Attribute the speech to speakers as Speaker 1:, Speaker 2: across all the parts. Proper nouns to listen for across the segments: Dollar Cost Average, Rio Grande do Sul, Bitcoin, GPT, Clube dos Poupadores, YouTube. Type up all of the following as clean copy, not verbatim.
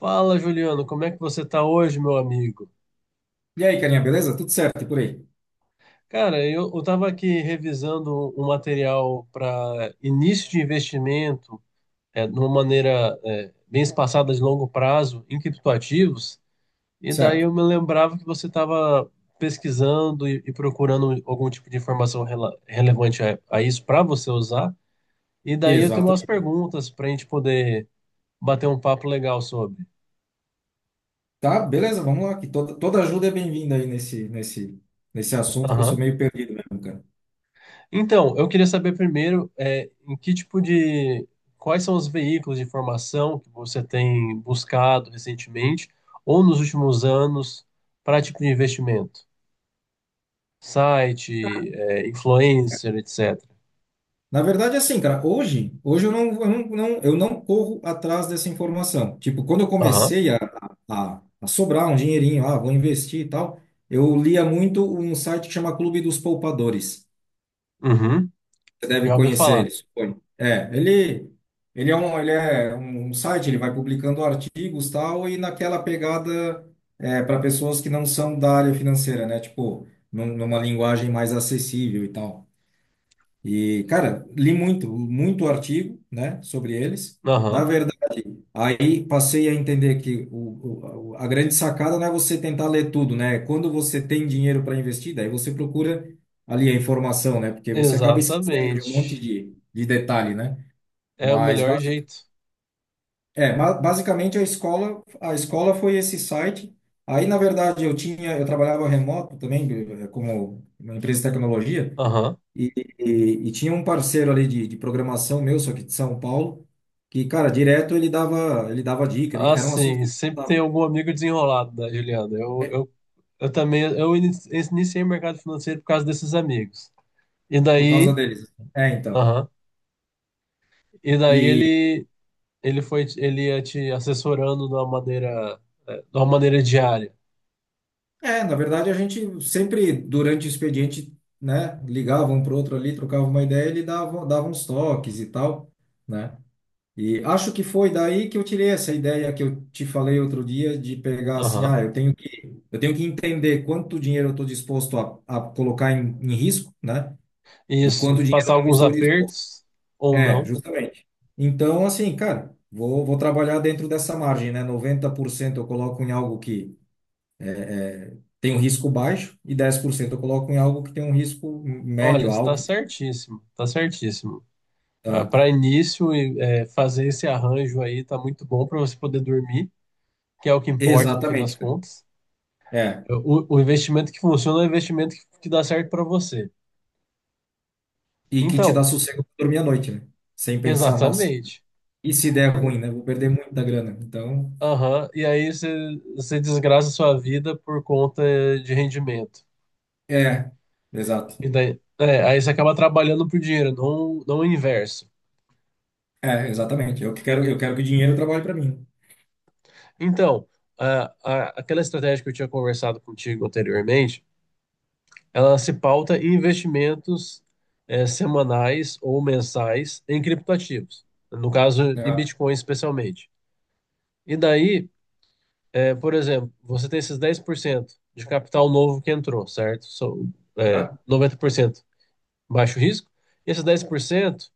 Speaker 1: Fala, Juliano, como é que você está hoje, meu amigo?
Speaker 2: E aí, carinha, beleza? Tudo certo e por aí?
Speaker 1: Cara, estava aqui revisando um material para início de investimento, de uma maneira, bem espaçada de longo prazo, em criptoativos, e daí
Speaker 2: Certo.
Speaker 1: eu me lembrava que você estava pesquisando e procurando algum tipo de informação relevante a isso para você usar, e daí eu tenho umas
Speaker 2: Exatamente.
Speaker 1: perguntas para a gente poder bater um papo legal sobre.
Speaker 2: Tá, beleza, vamos lá, que toda ajuda é bem-vinda aí nesse assunto que eu sou meio perdido mesmo, cara.
Speaker 1: Então, eu queria saber primeiro, quais são os veículos de informação que você tem buscado recentemente ou nos últimos anos para tipo de investimento? Site, influencer, etc.
Speaker 2: Na verdade, é assim, cara, hoje eu não corro atrás dessa informação. Tipo, quando eu
Speaker 1: Aham,
Speaker 2: comecei a sobrar um dinheirinho, ah, vou investir e tal, eu lia muito um site que chama Clube dos Poupadores.
Speaker 1: uhum,
Speaker 2: Você deve
Speaker 1: já ouvi
Speaker 2: conhecer
Speaker 1: falar.
Speaker 2: ele, suponho. Ele é um, ele é um site, ele vai publicando artigos tal, e naquela pegada é, para pessoas que não são da área financeira, né? Tipo, numa linguagem mais acessível e tal. E, cara, li muito, muito artigo, né, sobre eles. Na
Speaker 1: Aham,
Speaker 2: Aí passei a entender que a grande sacada não é você tentar ler tudo, né? Quando você tem dinheiro para investir, daí você procura ali a informação, né? Porque você acaba esquecendo de um monte
Speaker 1: exatamente.
Speaker 2: de detalhe, né?
Speaker 1: É o
Speaker 2: Mas
Speaker 1: melhor
Speaker 2: basi-
Speaker 1: jeito.
Speaker 2: basicamente a escola foi esse site. Aí, na verdade, eu trabalhava remoto também, como uma empresa de tecnologia.
Speaker 1: Aham.
Speaker 2: E, e tinha um parceiro ali de programação meu, só que de São Paulo, que, cara, direto ele dava dica, era um assunto
Speaker 1: Assim,
Speaker 2: que ele
Speaker 1: sempre tem
Speaker 2: gostava,
Speaker 1: algum amigo desenrolado, né, Juliana? Eu,
Speaker 2: é,
Speaker 1: eu, eu também, iniciei o mercado financeiro por causa desses amigos. E
Speaker 2: por causa
Speaker 1: daí,
Speaker 2: deles. Assim. É, então.
Speaker 1: aham. E daí
Speaker 2: E,
Speaker 1: ele ia te assessorando de uma maneira diária.
Speaker 2: é, na verdade, a gente sempre, durante o expediente, né, ligava um pro outro ali, trocava uma ideia, dava uns toques e tal, né? E acho que foi daí que eu tirei essa ideia que eu te falei outro dia de pegar assim,
Speaker 1: Aham.
Speaker 2: ah, eu tenho que entender quanto dinheiro eu estou disposto a colocar em, em risco, né? E
Speaker 1: Isso,
Speaker 2: quanto dinheiro
Speaker 1: passar
Speaker 2: eu não
Speaker 1: alguns
Speaker 2: estou disposto?
Speaker 1: apertos ou
Speaker 2: É,
Speaker 1: não.
Speaker 2: justamente. Então, assim, cara, vou trabalhar dentro dessa margem, né? 90% eu coloco em algo que tem um risco baixo e 10% eu coloco em algo que tem um risco
Speaker 1: Olha,
Speaker 2: médio,
Speaker 1: está
Speaker 2: alto.
Speaker 1: certíssimo, está certíssimo.
Speaker 2: Tá?
Speaker 1: Para início, fazer esse arranjo aí tá muito bom para você poder dormir, que é o que importa no fim das
Speaker 2: Exatamente, cara.
Speaker 1: contas.
Speaker 2: É.
Speaker 1: É, o investimento que funciona é o investimento que dá certo para você.
Speaker 2: E que te dá
Speaker 1: Então,
Speaker 2: sossego pra dormir à noite, né? Sem pensar, nossa,
Speaker 1: exatamente.
Speaker 2: e se der ruim, né? Vou perder muita grana. Então,
Speaker 1: Aham, e aí você desgraça a sua vida por conta de rendimento.
Speaker 2: é, exato.
Speaker 1: E daí, aí você acaba trabalhando por dinheiro, não, não o inverso.
Speaker 2: É, exatamente. Eu que quero, eu quero que o dinheiro trabalhe para mim.
Speaker 1: Então, aquela estratégia que eu tinha conversado contigo anteriormente, ela se pauta em investimentos, semanais ou mensais em criptoativos, no caso,
Speaker 2: Né?
Speaker 1: em
Speaker 2: Ah,
Speaker 1: Bitcoin especialmente. E daí, por exemplo, você tem esses 10% de capital novo que entrou, certo? São,
Speaker 2: ah,
Speaker 1: 90%, baixo risco. Esses 10%,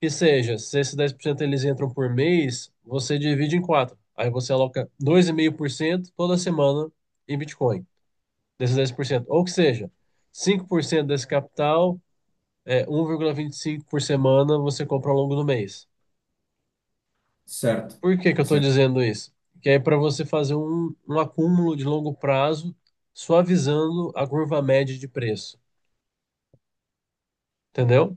Speaker 1: que seja, se esses 10% eles entram por mês, você divide em quatro. Aí você aloca 2,5% toda semana em Bitcoin, desses 10%. Ou que seja, 5% desse capital, é, um 1,25% por semana você compra ao longo do mês.
Speaker 2: certo.
Speaker 1: Por que que eu estou
Speaker 2: Certo.
Speaker 1: dizendo isso? Que é para você fazer um acúmulo de longo prazo, suavizando a curva média de preço. Entendeu?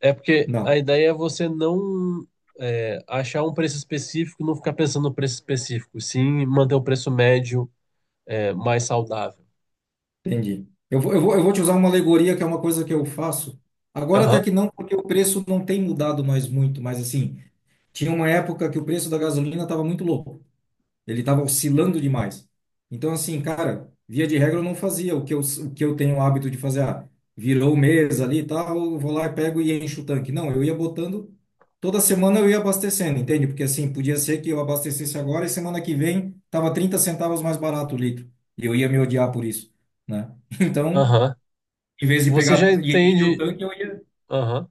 Speaker 1: É porque a
Speaker 2: Não.
Speaker 1: ideia é você não achar um preço específico, não ficar pensando no preço específico, sim manter o preço médio, mais saudável.
Speaker 2: Entendi. Eu vou te usar uma alegoria que é uma coisa que eu faço. Agora até
Speaker 1: Aham,
Speaker 2: que não, porque o preço não tem mudado mais muito, mas assim, tinha uma época que o preço da gasolina estava muito louco. Ele estava oscilando demais. Então, assim, cara, via de regra eu não fazia o que eu tenho o hábito de fazer. Ah, virou mesa ali e tal, eu vou lá e pego e encho o tanque. Não, eu ia botando, toda semana eu ia abastecendo, entende? Porque assim, podia ser que eu abastecesse agora e semana que vem tava 30 centavos mais barato o litro. E eu ia me odiar por isso, né? Então,
Speaker 1: aham.
Speaker 2: em vez de
Speaker 1: Você já
Speaker 2: pegar e encher o
Speaker 1: entende,
Speaker 2: tanque, eu ia.
Speaker 1: aham.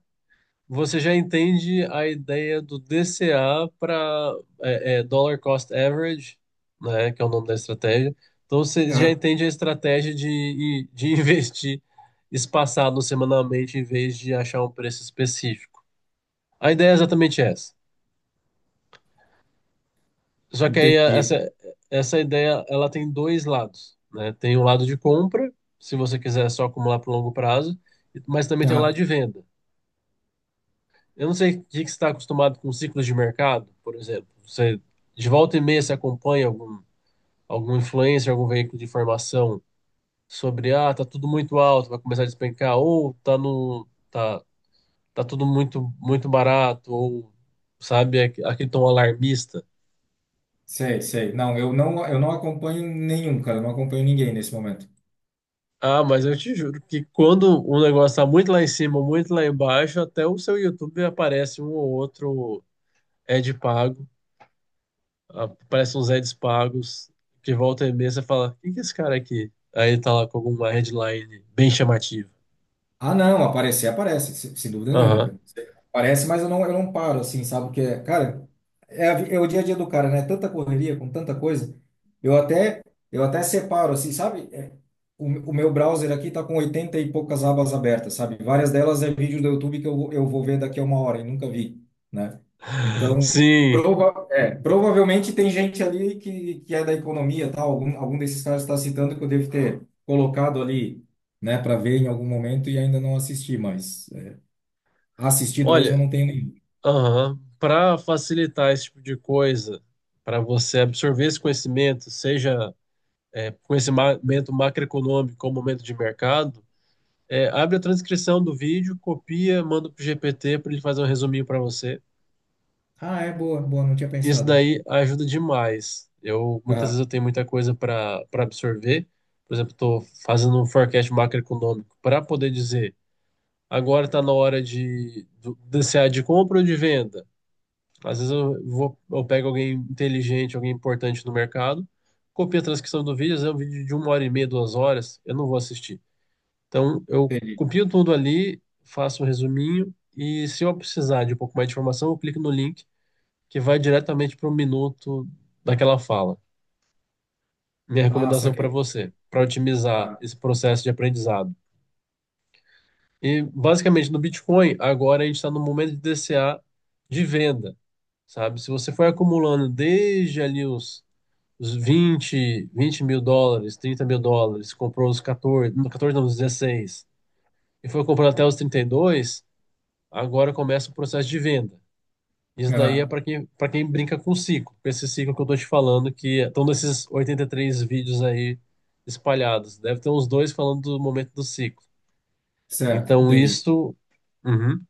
Speaker 1: Você já entende a ideia do DCA, para Dollar Cost Average, né, que é o nome da estratégia. Então você já
Speaker 2: Ah,
Speaker 1: entende a estratégia de investir espaçado semanalmente em vez de achar um preço específico. A ideia é exatamente essa. Só que aí a-
Speaker 2: entendi.
Speaker 1: essa, essa ideia, ela tem dois lados, né? Tem o lado de compra, se você quiser só acumular para o longo prazo, mas também tem o lado
Speaker 2: Ah,
Speaker 1: de venda. Eu não sei o que que você está acostumado com ciclos de mercado, por exemplo. Você de volta e meia você acompanha algum influencer, algum veículo de informação sobre: ah, tá tudo muito alto, vai começar a despencar, ou tá no tá tá tudo muito muito barato, ou sabe aquele tom alarmista.
Speaker 2: sei, sei. Não, eu não acompanho nenhum, cara, eu não acompanho ninguém nesse momento.
Speaker 1: Ah, mas eu te juro que quando um negócio tá muito lá em cima, muito lá embaixo, até o seu YouTube aparece um ou outro ad pago, aparece uns ads pagos, que volta e meia você fala: quem que é esse cara aqui? Aí ele tá lá com alguma headline bem chamativa.
Speaker 2: Ah, não, aparecer, aparece, sem dúvida nenhuma,
Speaker 1: Aham.
Speaker 2: cara. Aparece, mas eu não paro, assim, sabe? Porque, cara, é, é o dia a dia do cara, né? Tanta correria, com tanta coisa, eu até, eu até separo, assim, sabe? É, o, o meu browser aqui tá com 80 e poucas abas abertas, sabe? Várias delas é vídeo do YouTube que eu vou ver daqui a uma hora e nunca vi, né? Então,
Speaker 1: Sim.
Speaker 2: provavelmente tem gente ali que é da economia, tal, algum, algum desses caras está citando que eu devo ter colocado ali né, para ver em algum momento e ainda não assisti, mas é, assistido mesmo
Speaker 1: Olha,
Speaker 2: eu não tenho nenhum.
Speaker 1: aham. Para facilitar esse tipo de coisa, para você absorver esse conhecimento, seja conhecimento macroeconômico ou momento de mercado, abre a transcrição do vídeo, copia, manda pro GPT para ele fazer um resuminho para você.
Speaker 2: Ah, é boa, boa, não tinha
Speaker 1: Isso
Speaker 2: pensado.
Speaker 1: daí ajuda demais. Eu muitas
Speaker 2: Aham,
Speaker 1: vezes eu tenho muita coisa para absorver. Por exemplo, estou fazendo um forecast macroeconômico para poder dizer: agora está na hora desse ar de compra ou de venda. Às vezes eu pego alguém inteligente, alguém importante no mercado, copio a transcrição do vídeo, às vezes é um vídeo de uma hora e meia, 2 horas, eu não vou assistir. Então, eu
Speaker 2: entendi.
Speaker 1: copio tudo ali, faço um resuminho, e se eu precisar de um pouco mais de informação, eu clico no link que vai diretamente para o minuto daquela fala. Minha
Speaker 2: Ah,
Speaker 1: recomendação para
Speaker 2: saquei. Saquei.
Speaker 1: você, para otimizar
Speaker 2: Ah,
Speaker 1: esse processo de aprendizado. E, basicamente, no Bitcoin, agora a gente está no momento de DCA de venda, sabe? Se você foi acumulando desde ali os 20 20 mil dólares, 30 mil dólares, comprou os 14, não, 14 não, os 16, e foi comprando até os 32. Agora começa o processo de venda. Isso daí é
Speaker 2: aham,
Speaker 1: para quem brinca com o ciclo, com esse ciclo que eu estou te falando, que estão nesses 83 vídeos aí espalhados. Deve ter uns dois falando do momento do ciclo.
Speaker 2: certo,
Speaker 1: Então,
Speaker 2: entendi.
Speaker 1: isso. Uhum.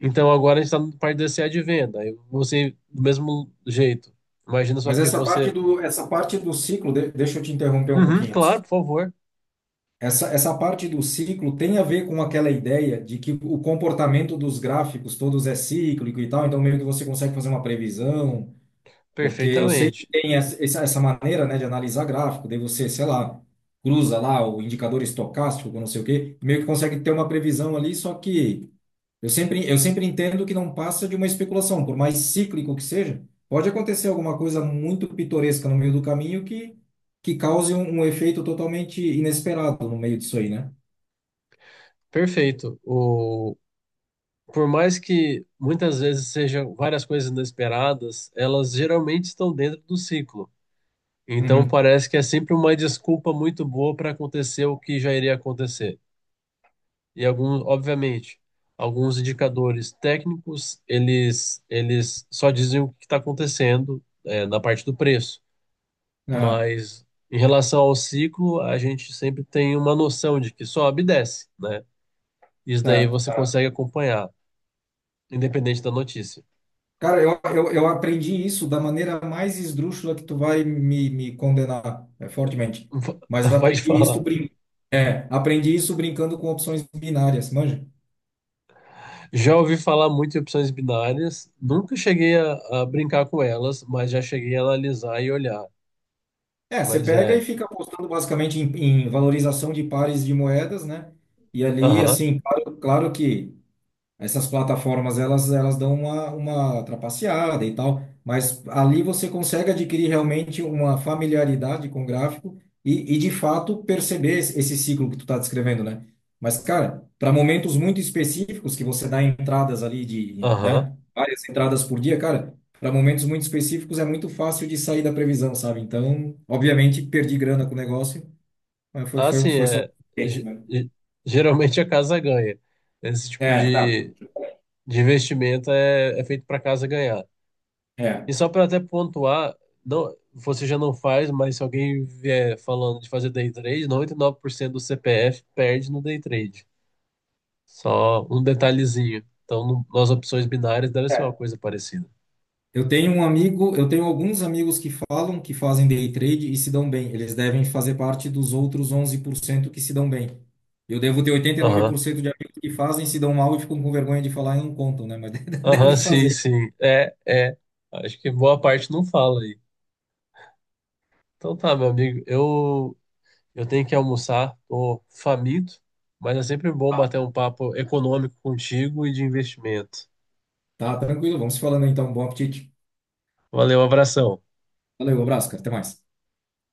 Speaker 1: Então, agora a gente está na parte do SEA de venda. Aí você, do mesmo jeito, imagina só
Speaker 2: Mas
Speaker 1: que você.
Speaker 2: essa parte do ciclo, deixa eu te interromper um
Speaker 1: Uhum,
Speaker 2: pouquinho.
Speaker 1: claro, por
Speaker 2: Desculpa.
Speaker 1: favor.
Speaker 2: Essa parte do ciclo tem a ver com aquela ideia de que o comportamento dos gráficos todos é cíclico e tal, então meio que você consegue fazer uma previsão. Porque eu sei que
Speaker 1: Perfeitamente.
Speaker 2: tem maneira, né, de analisar gráfico, daí você, sei lá, cruza lá o indicador estocástico com não sei o quê, meio que consegue ter uma previsão ali, só que eu sempre entendo que não passa de uma especulação, por mais cíclico que seja, pode acontecer alguma coisa muito pitoresca no meio do caminho que cause um, um efeito totalmente inesperado no meio disso aí, né?
Speaker 1: Perfeito. Por mais que muitas vezes sejam várias coisas inesperadas, elas geralmente estão dentro do ciclo. Então
Speaker 2: Uhum.
Speaker 1: parece que é sempre uma desculpa muito boa para acontecer o que já iria acontecer. E algum, obviamente, alguns indicadores técnicos, eles só dizem o que está acontecendo, na parte do preço.
Speaker 2: Ah,
Speaker 1: Mas em relação ao ciclo, a gente sempre tem uma noção de que sobe e desce, né? Isso daí você
Speaker 2: certo.
Speaker 1: consegue acompanhar, independente da notícia.
Speaker 2: Cara, eu aprendi isso da maneira mais esdrúxula que tu vai me, me condenar, é, fortemente. Mas eu
Speaker 1: Pode
Speaker 2: aprendi isso,
Speaker 1: falar.
Speaker 2: brin é, aprendi isso brincando com opções binárias, manja?
Speaker 1: Já ouvi falar muito em opções binárias, nunca cheguei a brincar com elas, mas já cheguei a analisar e olhar.
Speaker 2: É, você
Speaker 1: Mas
Speaker 2: pega e
Speaker 1: é,
Speaker 2: fica apostando basicamente em, em valorização de pares de moedas, né? E ali,
Speaker 1: aham,
Speaker 2: assim, claro que essas plataformas, elas dão uma trapaceada e tal, mas ali você consegue adquirir realmente uma familiaridade com o gráfico e de fato, perceber esse ciclo que tu está descrevendo, né? Mas, cara, para momentos muito específicos, que você dá entradas ali de,
Speaker 1: aham.
Speaker 2: né, várias entradas por dia, cara, para momentos muito específicos é muito fácil de sair da previsão, sabe? Então, obviamente, perdi grana com o negócio, mas
Speaker 1: Assim,
Speaker 2: foi só... Esse,
Speaker 1: ge-
Speaker 2: né?
Speaker 1: ge- geralmente a casa ganha. Esse tipo
Speaker 2: É, não,
Speaker 1: de investimento é feito para a casa ganhar. E só para até pontuar, não, você já não faz, mas se alguém vier falando de fazer day trade, 99% do CPF perde no day trade. Só um detalhezinho. Então, nas opções binárias deve ser uma
Speaker 2: é.
Speaker 1: coisa parecida.
Speaker 2: Eu tenho um amigo, eu tenho alguns amigos que falam que fazem day trade e se dão bem. Eles devem fazer parte dos outros 11% que se dão bem. Eu devo ter
Speaker 1: Aham,
Speaker 2: 89% de amigos que fazem, se dão mal e ficam com vergonha de falar e não contam, né? Mas
Speaker 1: aham,
Speaker 2: deve
Speaker 1: sim,
Speaker 2: fazer.
Speaker 1: sim. É, é. Acho que boa parte não fala aí. Então tá, meu amigo, eu tenho que almoçar, tô faminto, mas é sempre bom
Speaker 2: Ah,
Speaker 1: bater um papo econômico contigo e de investimento.
Speaker 2: tá, tranquilo. Vamos se falando então. Bom apetite.
Speaker 1: Valeu, abração.
Speaker 2: Valeu, um abraço, cara. Até mais.